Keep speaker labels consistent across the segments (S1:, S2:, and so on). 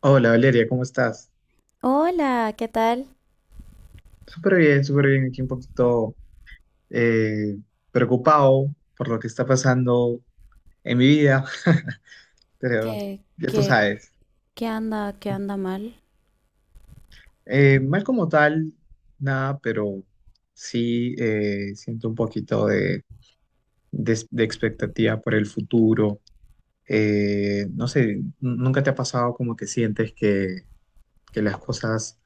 S1: Hola Valeria, ¿cómo estás?
S2: Hola, ¿qué tal?
S1: Súper bien, súper bien. Aquí un poquito eh, preocupado por lo que está pasando en mi vida, pero
S2: ¿Qué,
S1: ya tú
S2: qué,
S1: sabes.
S2: qué anda mal?
S1: Mal como tal, nada, pero sí siento un poquito de expectativa por el futuro. No sé, ¿nunca te ha pasado como que sientes que las cosas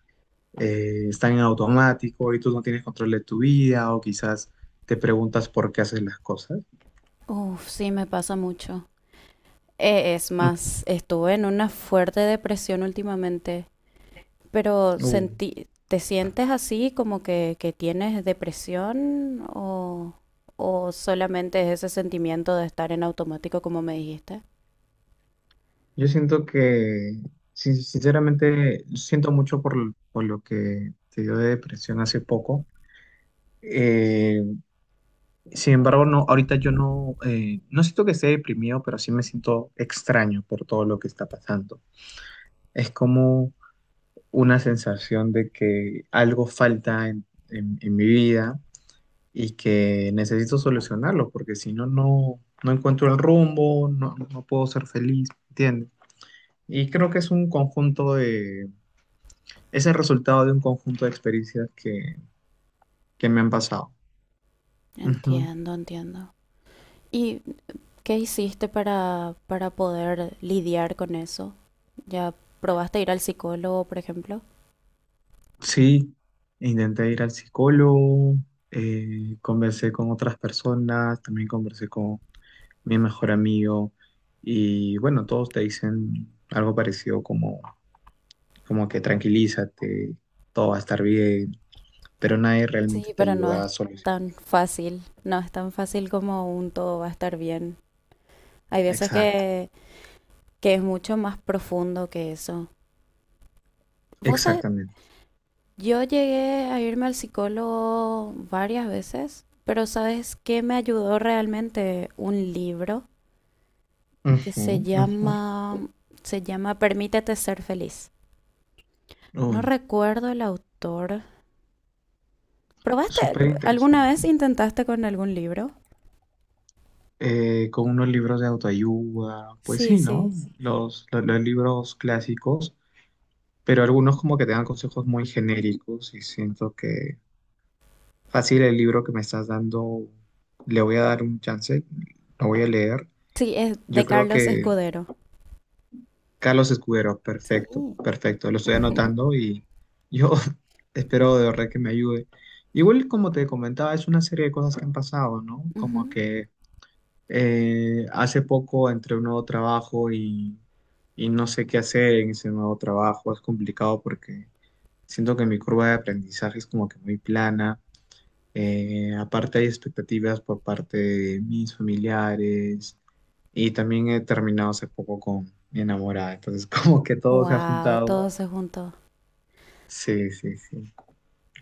S1: están en automático y tú no tienes control de tu vida, o quizás te preguntas por qué haces las cosas?
S2: Uf, sí, me pasa mucho. Es
S1: Mm,
S2: más, estuve en una fuerte depresión últimamente, pero
S1: uh,
S2: sentí, ¿te sientes así como que tienes depresión o solamente es ese sentimiento de estar en automático como me dijiste?
S1: yo siento que, sinceramente, siento mucho por lo que te dio de depresión hace poco. Eh, Sin embargo, no, ahorita yo no, no siento que esté deprimido, pero sí me siento extraño por todo lo que está pasando. Es como una sensación de que algo falta en mi vida y que necesito solucionarlo, porque si no, no encuentro el rumbo, no puedo ser feliz, ¿entiendes? Y creo que es es el resultado de un conjunto de experiencias que me han pasado. Ujú.
S2: Entiendo, entiendo. ¿Y qué hiciste para poder lidiar con eso? ¿Ya probaste ir al psicólogo, por ejemplo?
S1: Sí, intenté ir al psicólogo, conversé con otras personas, también conversé con mi mejor amigo, y bueno, todos te dicen algo parecido como que tranquilízate, todo va a estar bien, pero nadie realmente
S2: Sí,
S1: te
S2: pero no
S1: ayuda
S2: es
S1: a solucionar.
S2: tan fácil, no es tan fácil como un todo va a estar bien. Hay veces
S1: Exacto,
S2: que es mucho más profundo que eso. Vos sabés,
S1: exactamente.
S2: yo llegué a irme al psicólogo varias veces, pero ¿sabes qué me ayudó realmente? Un libro que
S1: Ujú,
S2: se
S1: ujú.
S2: llama, se llama Permítete ser feliz. No
S1: Uy,
S2: recuerdo el autor. ¿Probaste,
S1: súper
S2: alguna vez
S1: interesante.
S2: intentaste con algún libro?
S1: Con unos libros de autoayuda, pues
S2: Sí,
S1: sí,
S2: sí.
S1: ¿no? Los libros clásicos, pero algunos como que te dan consejos muy genéricos y siento que fácil el libro que me estás dando, le voy a dar un chance, lo voy a leer.
S2: Sí, es
S1: Yo
S2: de
S1: creo
S2: Carlos
S1: que
S2: Escudero.
S1: Carlos Escudero,
S2: Sí.
S1: perfecto, perfecto. Lo estoy anotando y yo espero de verdad que me ayude. Igual, como te comentaba, es una serie de cosas que han pasado, ¿no? Como que hace poco entré a un nuevo trabajo y no sé qué hacer en ese nuevo trabajo. Es complicado porque siento que mi curva de aprendizaje es como que muy plana. Aparte hay expectativas por parte de mis familiares y también he terminado hace poco con mi enamorada, entonces como que todo se ha
S2: Wow,
S1: juntado.
S2: todo se juntó
S1: Sí, sí, sí.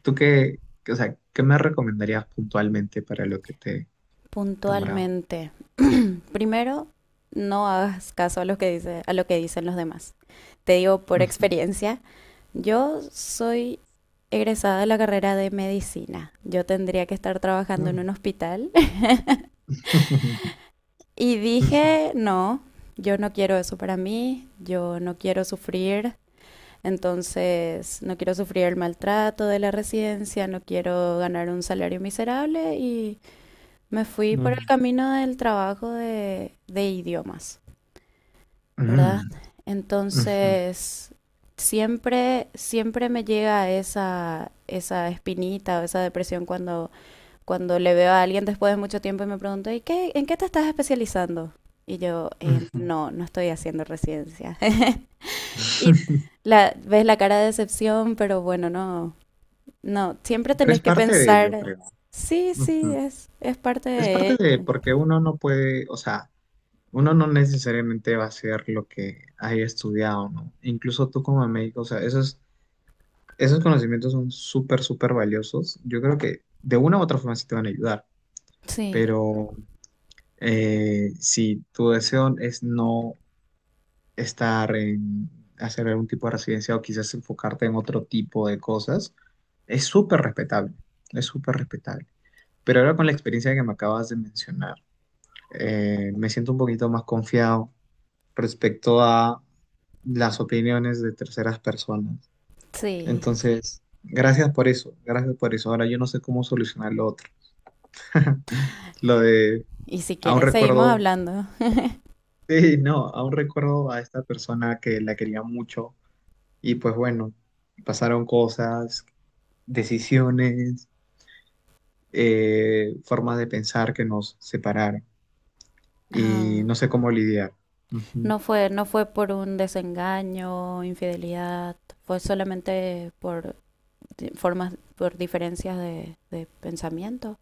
S1: ¿Tú o sea, qué me recomendarías puntualmente para lo que te he nombrado?
S2: puntualmente. Primero, no hagas caso a lo que dicen los demás. Te digo por
S1: Ujú.
S2: experiencia, yo soy egresada de la carrera de medicina. Yo tendría que estar trabajando en
S1: Mm.
S2: un hospital y
S1: Ujú.
S2: dije, no, yo no quiero eso para mí, yo no quiero sufrir, entonces no quiero sufrir el maltrato de la residencia, no quiero ganar un salario miserable y me fui por el
S1: Mm.
S2: camino del trabajo de idiomas, ¿verdad?
S1: Mm. Ujú.
S2: Entonces, siempre, siempre me llega esa, esa espinita o esa depresión cuando, cuando le veo a alguien después de mucho tiempo y me pregunto, ¿y qué, en qué te estás especializando? Y yo,
S1: Ujú.
S2: No, no estoy haciendo residencia". Y la, ves la cara de decepción, pero bueno, no, no, siempre
S1: Pero es
S2: tenés que
S1: parte de ello,
S2: pensar,
S1: creo.
S2: sí, sí,
S1: Ujú.
S2: es parte
S1: Es
S2: de
S1: parte
S2: ello.
S1: de porque uno no puede, o sea, uno no necesariamente va a ser lo que haya estudiado, ¿no? Incluso tú como médico, o sea, esos conocimientos son súper, súper valiosos. Yo creo que de una u otra forma sí te van a ayudar,
S2: Sí.
S1: pero si tu deseo es no estar en hacer algún tipo de residencia o quizás enfocarte en otro tipo de cosas, es súper respetable, es súper respetable. Pero ahora con la experiencia que me acabas de mencionar, me siento un poquito más confiado respecto a las opiniones de terceras personas.
S2: Sí,
S1: Entonces, gracias por eso, gracias por eso. Ahora yo no sé cómo solucionar lo otro. Lo de,
S2: y si
S1: Aún
S2: quieres seguimos
S1: recuerdo,
S2: hablando.
S1: sí, no, aún recuerdo a esta persona que la quería mucho y pues bueno, pasaron cosas, decisiones, formas de pensar que nos separaron y
S2: Ah,
S1: no sé cómo lidiar. Ujú.
S2: no fue, no fue por un desengaño, infidelidad, fue solamente por formas, por diferencias de pensamiento.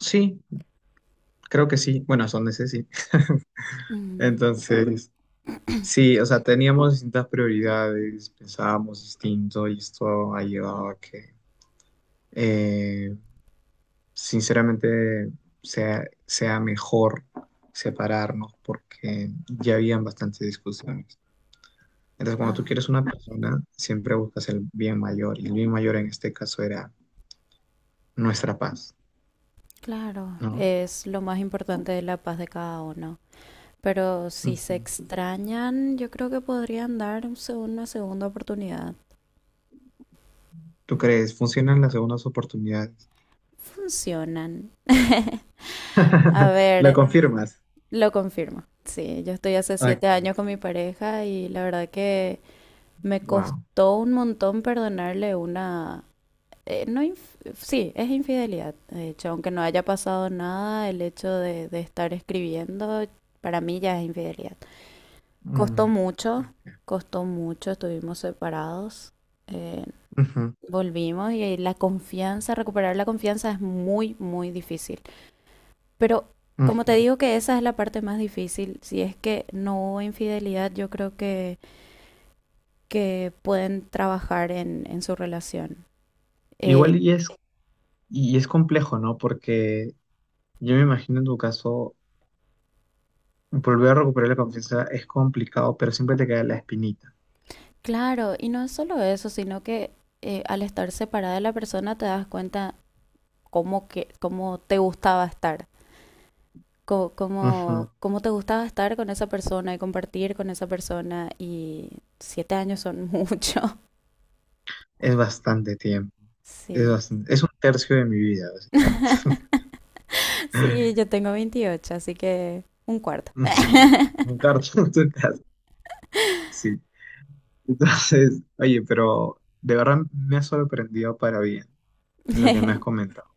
S1: Sí, creo que sí. Bueno, son de ese sí.
S2: Mm,
S1: Entonces, sí, o sea, teníamos distintas prioridades, pensábamos distinto y esto ha llevado a que, eh, sinceramente, sea mejor separarnos porque ya habían bastantes discusiones. Entonces, cuando tú
S2: ah,
S1: quieres una persona, siempre buscas el bien mayor y el bien mayor en este caso era nuestra paz,
S2: claro,
S1: ¿no?
S2: es lo más importante de la paz de cada uno. Pero si se
S1: Ujú.
S2: extrañan, yo creo que podrían dar una segunda oportunidad.
S1: ¿Tú crees? ¿Funcionan las segundas oportunidades?
S2: Funcionan. A
S1: ¿Lo
S2: ver,
S1: confirmas?
S2: lo confirmo. Sí, yo estoy hace
S1: Ok,
S2: 7 años con mi pareja y la verdad que me
S1: wow.
S2: costó un montón perdonarle una... no inf- sí, es infidelidad. De hecho, aunque no haya pasado nada, el hecho de estar escribiendo para mí ya es infidelidad. Costó
S1: Mm.
S2: mucho,
S1: Ok.
S2: costó mucho, estuvimos separados, eh,
S1: Ujú,
S2: volvimos y la confianza, recuperar la confianza es muy, muy difícil. Pero como te
S1: ujú.
S2: digo que esa es la parte más difícil, si es que no hubo infidelidad, yo creo que pueden trabajar en su relación. Eh,
S1: Igual y es complejo, ¿no? Porque yo me imagino en tu caso, volver a recuperar la confianza es complicado, pero siempre te queda la espinita.
S2: claro, y no es solo eso, sino que al estar separada de la persona te das cuenta cómo te gustaba estar, co- cómo,
S1: Ujú.
S2: cómo te gustaba estar con esa persona y compartir con esa persona. Y 7 años son mucho.
S1: Es bastante tiempo.
S2: Sí.
S1: Es un tercio de mi vida, básicamente.
S2: Sí, yo tengo 28 así que un cuarto.
S1: Ujú. Un tercio de tu caso, sí. Entonces, oye, pero de verdad me ha sorprendido para bien lo que me has comentado.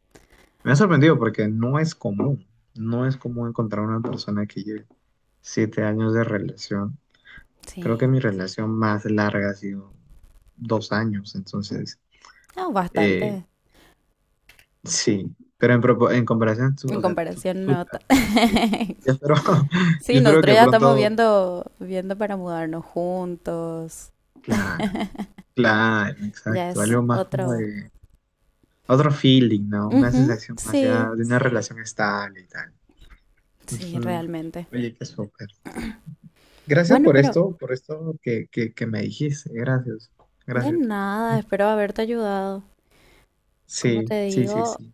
S1: Me ha sorprendido porque no es común. No es común encontrar una persona que lleve 7 años de relación. Creo que
S2: Sí.
S1: mi relación más larga ha sido 2 años, entonces,
S2: Ah,
S1: eh,
S2: bastante.
S1: sí, pero en comparación, tú,
S2: En
S1: o sea,
S2: comparación, no.
S1: sí, sí. Yo espero,
S2: Sí,
S1: yo espero
S2: nosotros
S1: que
S2: ya estamos
S1: pronto,
S2: viendo, viendo para mudarnos juntos.
S1: claro, claro,
S2: Ya
S1: exacto,
S2: es
S1: algo más como
S2: otro,
S1: de otro feeling, ¿no? Una
S2: ujú,
S1: sensación más
S2: sí,
S1: ya de una relación estable y tal.
S2: sí,
S1: Ujú.
S2: realmente.
S1: Oye, qué súper. Gracias
S2: Bueno, pero
S1: por esto que me dijiste, gracias,
S2: de
S1: gracias.
S2: nada, espero haberte ayudado. Como
S1: Sí,
S2: te
S1: sí, sí,
S2: digo,
S1: sí.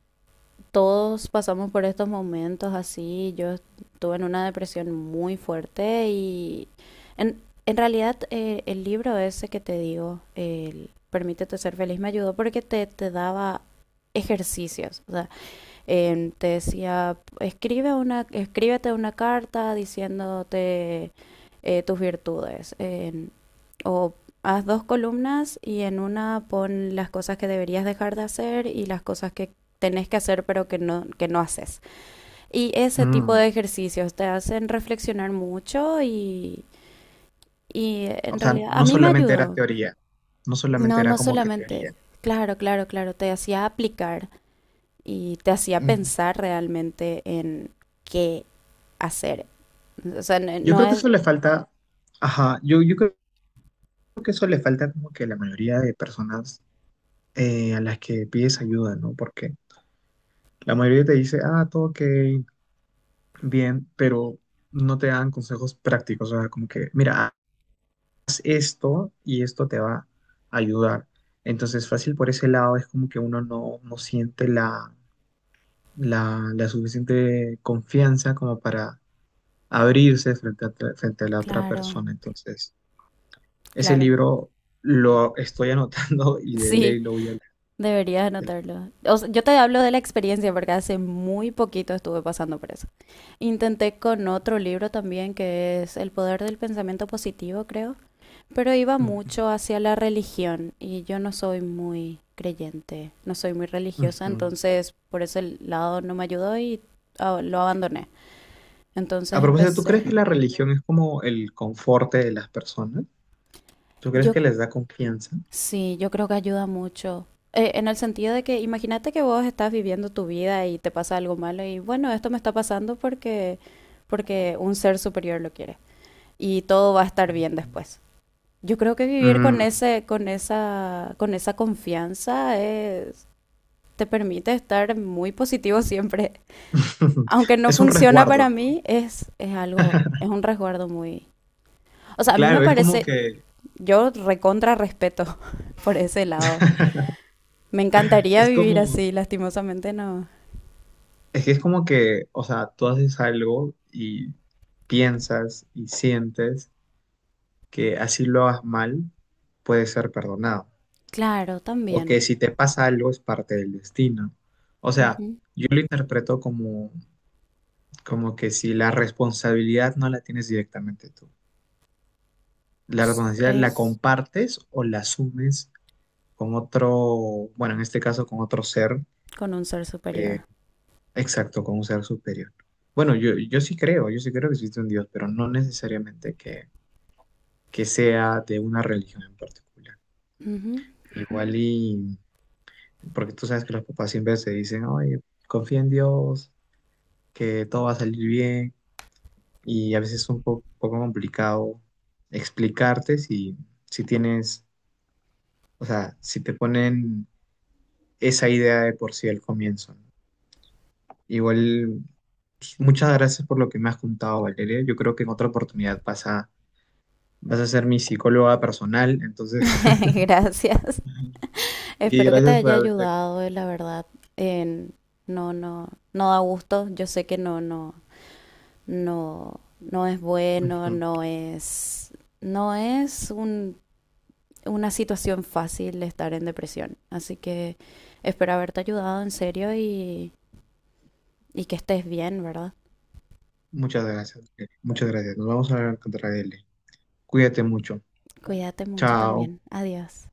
S2: todos pasamos por estos momentos así. Yo estuve en una depresión muy fuerte y en, en realidad el libro ese que te digo, el Permítete ser feliz, me ayudó porque te daba ejercicios. O sea, te decía, escríbete una carta diciéndote tus virtudes. O haz dos columnas y en una pon las cosas que deberías dejar de hacer y las cosas que tenés que hacer pero que no haces. Y ese tipo
S1: Mm.
S2: de ejercicios te hacen reflexionar mucho y
S1: O
S2: en
S1: sea,
S2: realidad a
S1: no
S2: mí me
S1: solamente era
S2: ayudó.
S1: teoría, no solamente
S2: No,
S1: era
S2: no
S1: como que
S2: solamente,
S1: teoría.
S2: claro, claro, claro, te hacía aplicar y te hacía
S1: Mm,
S2: pensar realmente en qué hacer. O sea,
S1: Yo
S2: no
S1: creo que
S2: es,
S1: eso le falta, ajá, yo creo que eso le falta como que a la mayoría de personas a las que pides ayuda, ¿no? Porque la mayoría te dice, ah, todo ok, bien, pero no te dan consejos prácticos, o sea, como que, mira, haz esto y esto te va a ayudar. Entonces, fácil por ese lado es como que uno no siente la suficiente confianza como para abrirse frente a la otra
S2: claro,
S1: persona. Entonces, ese
S2: claro.
S1: libro lo estoy anotando y de
S2: Sí,
S1: ley lo voy a leer.
S2: deberías
S1: De ley.
S2: anotarlo. O sea, yo te hablo de la experiencia porque hace muy poquito estuve pasando por eso. Intenté con otro libro también que es El poder del pensamiento positivo, creo, pero iba
S1: Ujú,
S2: mucho hacia la religión y yo no soy muy creyente, no soy muy religiosa,
S1: ujú.
S2: entonces por ese lado no me ayudó y ah, lo abandoné.
S1: A
S2: Entonces
S1: propósito, ¿tú crees
S2: empecé.
S1: que la religión es como el conforte de las personas? ¿Tú crees
S2: Yo
S1: que les da confianza?
S2: sí, yo creo que ayuda mucho. En el sentido de que imagínate que vos estás viviendo tu vida y te pasa algo malo y bueno, esto me está pasando porque un ser superior lo quiere y todo va a estar bien
S1: Ujú.
S2: después. Yo creo que vivir con
S1: Mm.
S2: ese con esa confianza te permite estar muy positivo siempre. Aunque no
S1: Es un
S2: funciona
S1: resguardo,
S2: para
S1: ¿no?
S2: mí, es algo, es un resguardo muy... O sea, a mí me
S1: Claro,
S2: parece, yo recontra respeto por ese lado. Me encantaría
S1: es
S2: vivir
S1: como,
S2: así, lastimosamente no.
S1: es que es como que, o sea, tú haces algo y piensas y sientes que así lo hagas mal, puede ser perdonado.
S2: Claro,
S1: O que
S2: también.
S1: si te pasa algo es parte del destino. O sea,
S2: Ujú.
S1: yo lo interpreto como que si la responsabilidad no la tienes directamente tú. La responsabilidad la
S2: Es
S1: compartes o la asumes con otro, bueno, en este caso con otro ser,
S2: con un ser
S1: eh,
S2: superior.
S1: exacto, con un ser superior. Bueno, yo sí creo que existe un Dios, pero no necesariamente que sea de una religión en particular.
S2: Ujú.
S1: Igual y, Porque tú sabes que los papás siempre se dicen, oye, confía en Dios, que todo va a salir bien, y a veces es un poco complicado explicarte si, tienes, o sea, si te ponen esa idea de por sí al comienzo, ¿no? Igual, pues, muchas gracias por lo que me has contado, Valeria. Yo creo que en otra oportunidad vas a ser mi psicóloga personal, entonces,
S2: Gracias.
S1: y
S2: Espero que te
S1: gracias por
S2: haya
S1: haberte...
S2: ayudado, la verdad. En- no, no, no da gusto. Yo sé que no, no, no, no es bueno,
S1: Ujú.
S2: no es, no es un- una situación fácil estar en depresión. Así que espero haberte ayudado en serio y que estés bien, ¿verdad?
S1: Muchas gracias, Valeria. Muchas gracias. Nos vamos a encontrar, L. Cuídate mucho.
S2: Cuídate mucho
S1: Chao.
S2: también. Adiós.